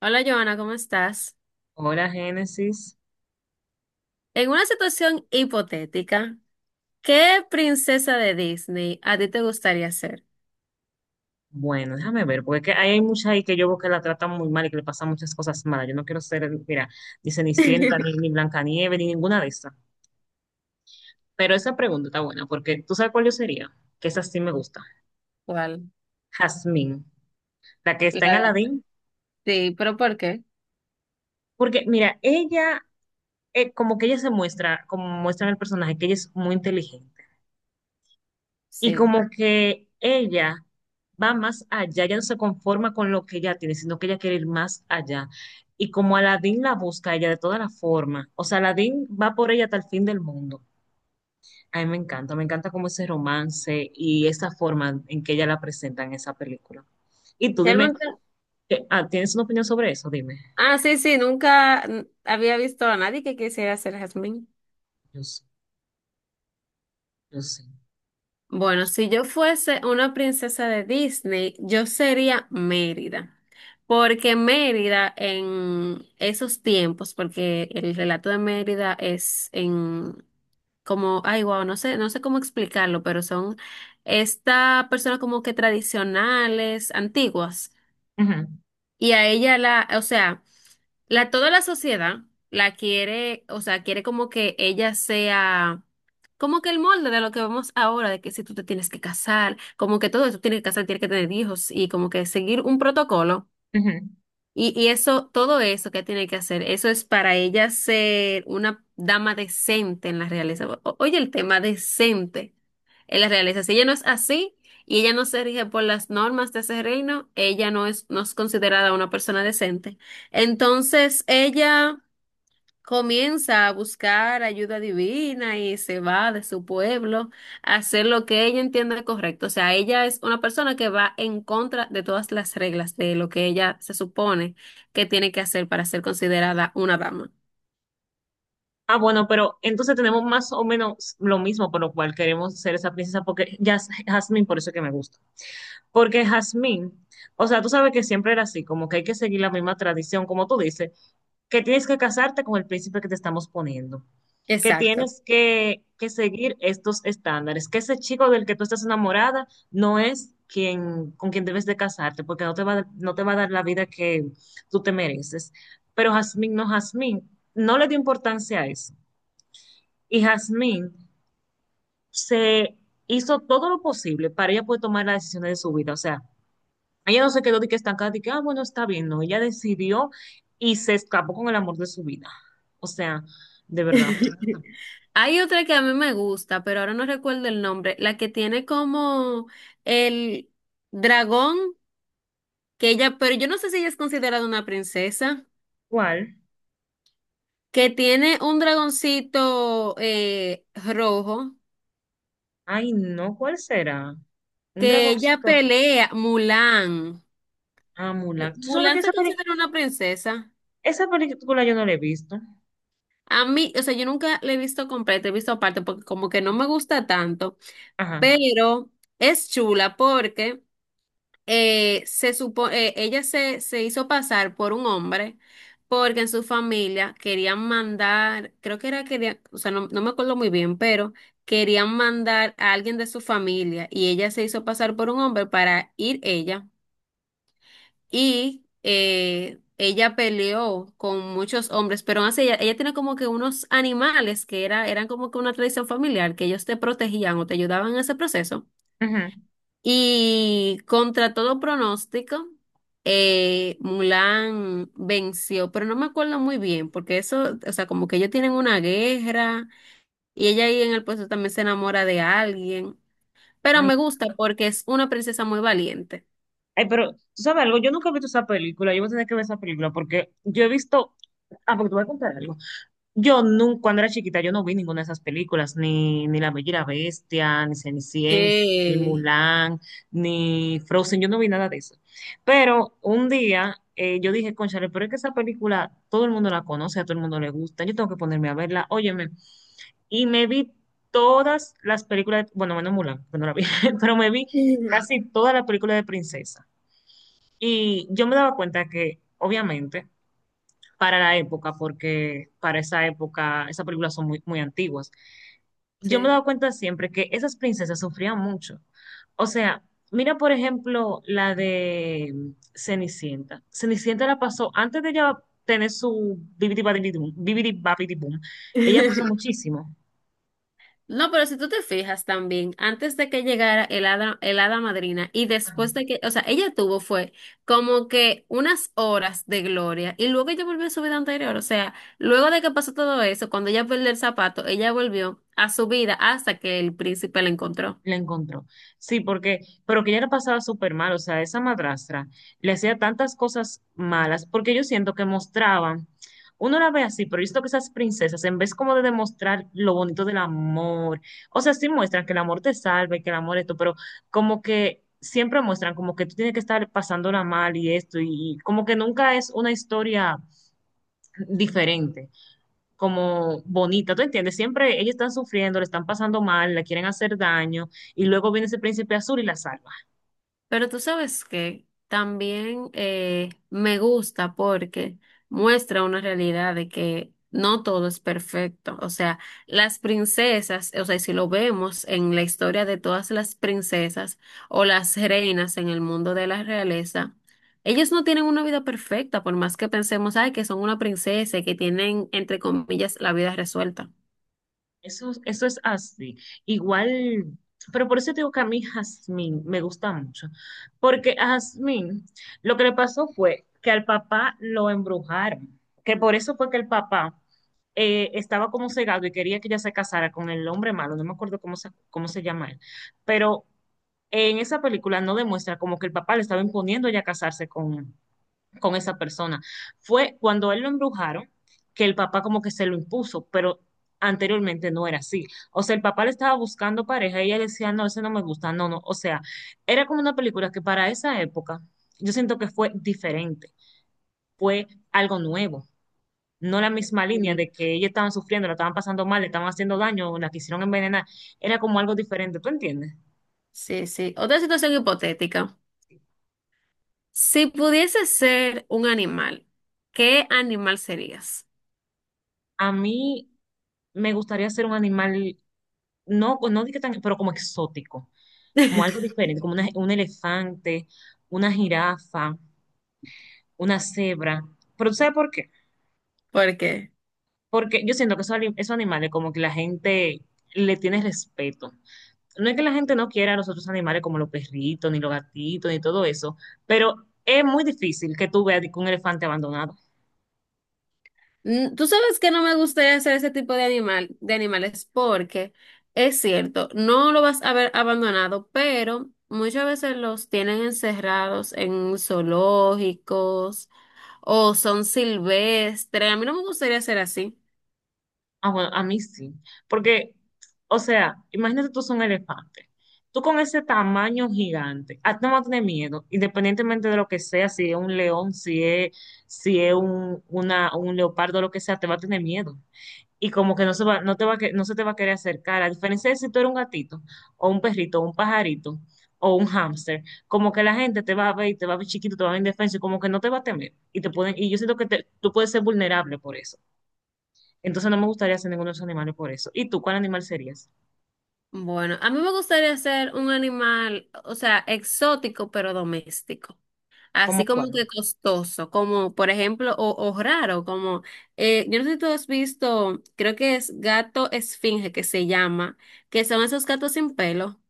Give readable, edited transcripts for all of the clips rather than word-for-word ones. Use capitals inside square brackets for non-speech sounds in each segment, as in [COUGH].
Hola Joana, ¿cómo estás? Hola, Génesis. En una situación hipotética, ¿qué princesa de Disney a ti te gustaría ser? Bueno, déjame ver, porque es que hay muchas ahí que yo veo que la tratan muy mal y que le pasan muchas cosas malas. Yo no quiero ser, mira, ni Cenicienta, ni [LAUGHS] Blancanieves, ni ninguna de esas. Pero esa pregunta está buena, porque tú sabes cuál yo sería, que esa sí me gusta. ¿Cuál? Jasmine, la que está La en de- Aladdin. Sí, pero ¿por qué? Porque, mira, ella, como que ella se muestra, como muestra en el personaje, que ella es muy inteligente. Y Sí. como que ella va más allá, ella no se conforma con lo que ella tiene, sino que ella quiere ir más allá. Y como Aladdin la busca a ella de todas las formas, o sea, Aladdin va por ella hasta el fin del mundo. A mí me encanta como ese romance y esa forma en que ella la presenta en esa película. Y tú dime, Realmente, ¿tienes una opinión sobre eso? Dime. Sí, sí, nunca había visto a nadie que quisiera ser Jasmine. Yo, yo sé. Bueno, si yo fuese una princesa de Disney, yo sería Mérida, porque Mérida en esos tiempos, porque el relato de Mérida es en como, ay, wow, no sé, no sé cómo explicarlo, pero son esta persona como que tradicionales, antiguas. Ujú, Y a ella la, o sea, la, toda la sociedad la quiere, o sea, quiere como que ella sea como que el molde de lo que vemos ahora, de que si tú te tienes que casar, como que todo eso tienes que casar, tienes que tener hijos y como que seguir un protocolo. ujú. Y eso, todo eso que tiene que hacer, eso es para ella ser una dama decente en la realeza. Oye, el tema decente. Él las realiza. Si ella no es así y ella no se rige por las normas de ese reino, ella no es considerada una persona decente. Entonces ella comienza a buscar ayuda divina y se va de su pueblo a hacer lo que ella entiende correcto. O sea, ella es una persona que va en contra de todas las reglas de lo que ella se supone que tiene que hacer para ser considerada una dama. Ah, bueno, pero entonces tenemos más o menos lo mismo por lo cual queremos ser esa princesa, porque ya es Jasmine, por eso que me gusta. Porque Jazmín, o sea, tú sabes que siempre era así, como que hay que seguir la misma tradición, como tú dices, que tienes que casarte con el príncipe que te estamos poniendo, que Exacto. tienes que seguir estos estándares, que ese chico del que tú estás enamorada no es quien, con quien debes de casarte, porque no te va, no te va a dar la vida que tú te mereces. Pero Jazmín no le dio importancia a eso. Y Jazmín se hizo todo lo posible para ella poder tomar las decisiones de su vida, o sea ella no se quedó de que estancada, de que, ah, bueno, está bien, no. Ella decidió y se escapó con el amor de su vida. O sea, de verdad. [LAUGHS] Hay otra que a mí me gusta, pero ahora no recuerdo el nombre, la que tiene como el dragón, que ella, pero yo no sé si ella es considerada una princesa, ¿Cuál? que tiene un dragoncito rojo, Ay, no, ¿cuál será? Un que ella dragoncito. Pelea, Mulan. Ah, Mulan. ¿Tú sabes que Mulan se esa considera una princesa. esa película yo no la he visto? A mí, o sea, yo nunca la he visto completa, he visto aparte, porque como que no me gusta tanto, Ajá. pero es chula porque... se supo, ella se hizo pasar por un hombre porque en su familia querían mandar, creo que era, quería, o sea, no, no me acuerdo muy bien, pero querían mandar a alguien de su familia y ella se hizo pasar por un hombre para ir ella y ella peleó con muchos hombres, pero aún así ella tiene como que unos animales que era, eran como que una tradición familiar, que ellos te protegían o te ayudaban en ese proceso. Ujú. Y contra todo pronóstico, Mulan venció, pero no me acuerdo muy bien, porque eso, o sea, como que ellos tienen una guerra y ella ahí en el puesto también se enamora de alguien, pero Ay, me gusta porque es una princesa muy valiente. ay, pero, ¿tú sabes algo? Yo nunca he visto esa película. Yo voy a tener que ver esa película porque yo he visto... Ah, porque te voy a contar algo. Yo nunca, cuando era chiquita, yo no vi ninguna de esas películas, ni La Bella y la Bestia, ni Cenicienta, ni Que Mulan, ni Frozen, yo no vi nada de eso. Pero un día yo dije, cónchale, pero es que esa película todo el mundo la conoce, a todo el mundo le gusta, yo tengo que ponerme a verla, óyeme. Y me vi todas las películas, bueno, menos Mulan, que no la vi, [LAUGHS] pero me vi [LAUGHS] casi todas las películas de princesa. Y yo me daba cuenta que, obviamente, para la época, porque para esa época esas películas son muy, muy antiguas. Yo me he Sí. dado cuenta siempre que esas princesas sufrían mucho. O sea, mira por ejemplo la de Cenicienta. Cenicienta la pasó antes de ella tener su bibidi babidi boom, ella pasó [LAUGHS] muchísimo. No, pero si tú te fijas también, antes de que llegara el hada madrina y después de que, o sea, ella tuvo fue como que unas horas de gloria y luego ella volvió a su vida anterior, o sea, luego de que pasó todo eso, cuando ella perdió el zapato, ella volvió a su vida hasta que el príncipe la encontró. La encontró. Sí, porque, pero que ella la pasaba súper mal, o sea, esa madrastra le hacía tantas cosas malas, porque yo siento que mostraban, uno la ve así, pero yo siento que esas princesas, en vez como de demostrar lo bonito del amor, o sea, sí muestran que el amor te salve, que el amor esto, pero como que siempre muestran como que tú tienes que estar pasándola mal y esto, y como que nunca es una historia diferente como bonita, ¿tú entiendes? Siempre ellos están sufriendo, le están pasando mal, la quieren hacer daño, y luego viene ese príncipe azul y la salva. Pero tú sabes que también me gusta porque muestra una realidad de que no todo es perfecto. O sea, las princesas, o sea, si lo vemos en la historia de todas las princesas o las reinas en el mundo de la realeza, ellas no tienen una vida perfecta, por más que pensemos, ay, que son una princesa y que tienen, entre comillas, la vida resuelta. Eso es así. Igual, pero por eso te digo que a mí Jasmine me gusta mucho, porque a Jasmine lo que le pasó fue que al papá lo embrujaron, que por eso fue que el papá estaba como cegado y quería que ella se casara con el hombre malo, no me acuerdo cómo se llama él, pero en esa película no demuestra como que el papá le estaba imponiendo a ella casarse con esa persona. Fue cuando él lo embrujaron que el papá como que se lo impuso, pero anteriormente no era así. O sea, el papá le estaba buscando pareja y ella le decía, no, ese no me gusta, no, no. O sea, era como una película que para esa época yo siento que fue diferente, fue algo nuevo no la misma línea Sí, de que ellos estaban sufriendo, la estaban pasando mal, le estaban haciendo daño, la quisieron envenenar, era como algo diferente, ¿tú entiendes? sí, sí. Otra situación hipotética. Si pudiese ser un animal, ¿qué animal serías? A mí me gustaría ser un animal, no, no digo que tan, pero como exótico, como algo [LAUGHS] diferente, como un elefante, una jirafa, una cebra, pero ¿tú ¿sabes por qué? ¿Por qué? Porque yo siento que esos, esos animales como que la gente le tiene respeto. No es que la gente no quiera a los otros animales como los perritos, ni los gatitos, ni todo eso, pero es muy difícil que tú veas un elefante abandonado. Tú sabes que no me gustaría ser ese tipo de animal, de animales, porque es cierto, no lo vas a ver abandonado, pero muchas veces los tienen encerrados en zoológicos o son silvestres. A mí no me gustaría ser así. Ah, bueno, a mí sí, porque, o sea, imagínate tú son un elefante. Tú con ese tamaño gigante, a ti no vas a tener miedo, independientemente de lo que sea, si es un león, si es, si es un leopardo, lo que sea, te va a tener miedo. Y como que no se va, no te va a no se te va a querer acercar. A diferencia de si tú eres un gatito, o un perrito, o un pajarito, o un hámster, como que la gente te va a ver y te va a ver chiquito, te va a ver indefenso, y como que no te va a temer. Y te pueden, y yo siento que tú puedes ser vulnerable por eso. Entonces no me gustaría ser ninguno de esos animales por eso. ¿Y tú cuál animal serías? Bueno, a mí me gustaría ser un animal, o sea, exótico pero doméstico. ¿Cómo Así como cuál? que costoso, como por ejemplo, o, raro, como, yo no sé si tú has visto, creo que es gato esfinge que se llama, que son esos gatos sin pelo.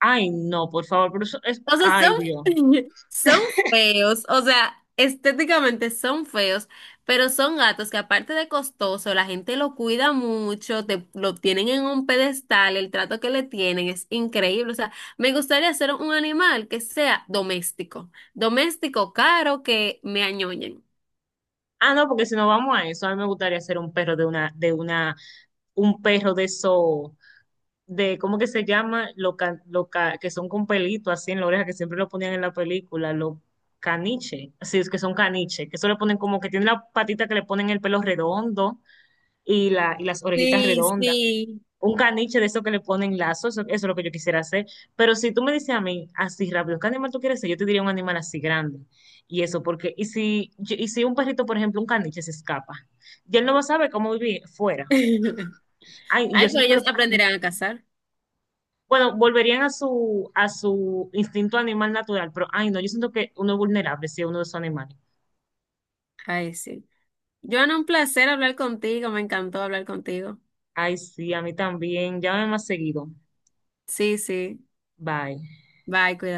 Ay, no, por favor, pero eso es, O sea, ay, son, Dios. [LAUGHS] son feos, o sea, estéticamente son feos, pero son gatos que aparte de costoso, la gente lo cuida mucho, te, lo tienen en un pedestal, el trato que le tienen es increíble. O sea, me gustaría hacer un animal que sea doméstico, doméstico caro que me añoñen. Ah, no, porque si no vamos a eso, a mí me gustaría ser un perro de un perro de esos de, ¿cómo que se llama? Lo, que son con pelito así en la oreja, que siempre lo ponían en la película, lo caniche, así es que son caniche, que eso le ponen como que tiene la patita que le ponen el pelo redondo y, la, y las orejitas Sí, redondas. sí. Un caniche de eso que le ponen lazo, eso es lo que yo quisiera hacer. Pero si tú me dices a mí, así rápido, ¿qué animal tú quieres ser? Yo te diría un animal así grande. Y eso, porque, y si un perrito, por ejemplo, un caniche se escapa, y él no va a saber cómo vivir fuera. [LAUGHS] Ay, Ay, y yo pero siento que, ellos ay, aprenderán a cazar. bueno, volverían a su instinto animal natural, pero ay, no, yo siento que uno es vulnerable si es uno de esos animales. Ay, sí. Joana, un placer hablar contigo. Me encantó hablar contigo. Ay, sí, a mí también. Llámame más seguido. Sí, sí. Bye. Bye, cuídate.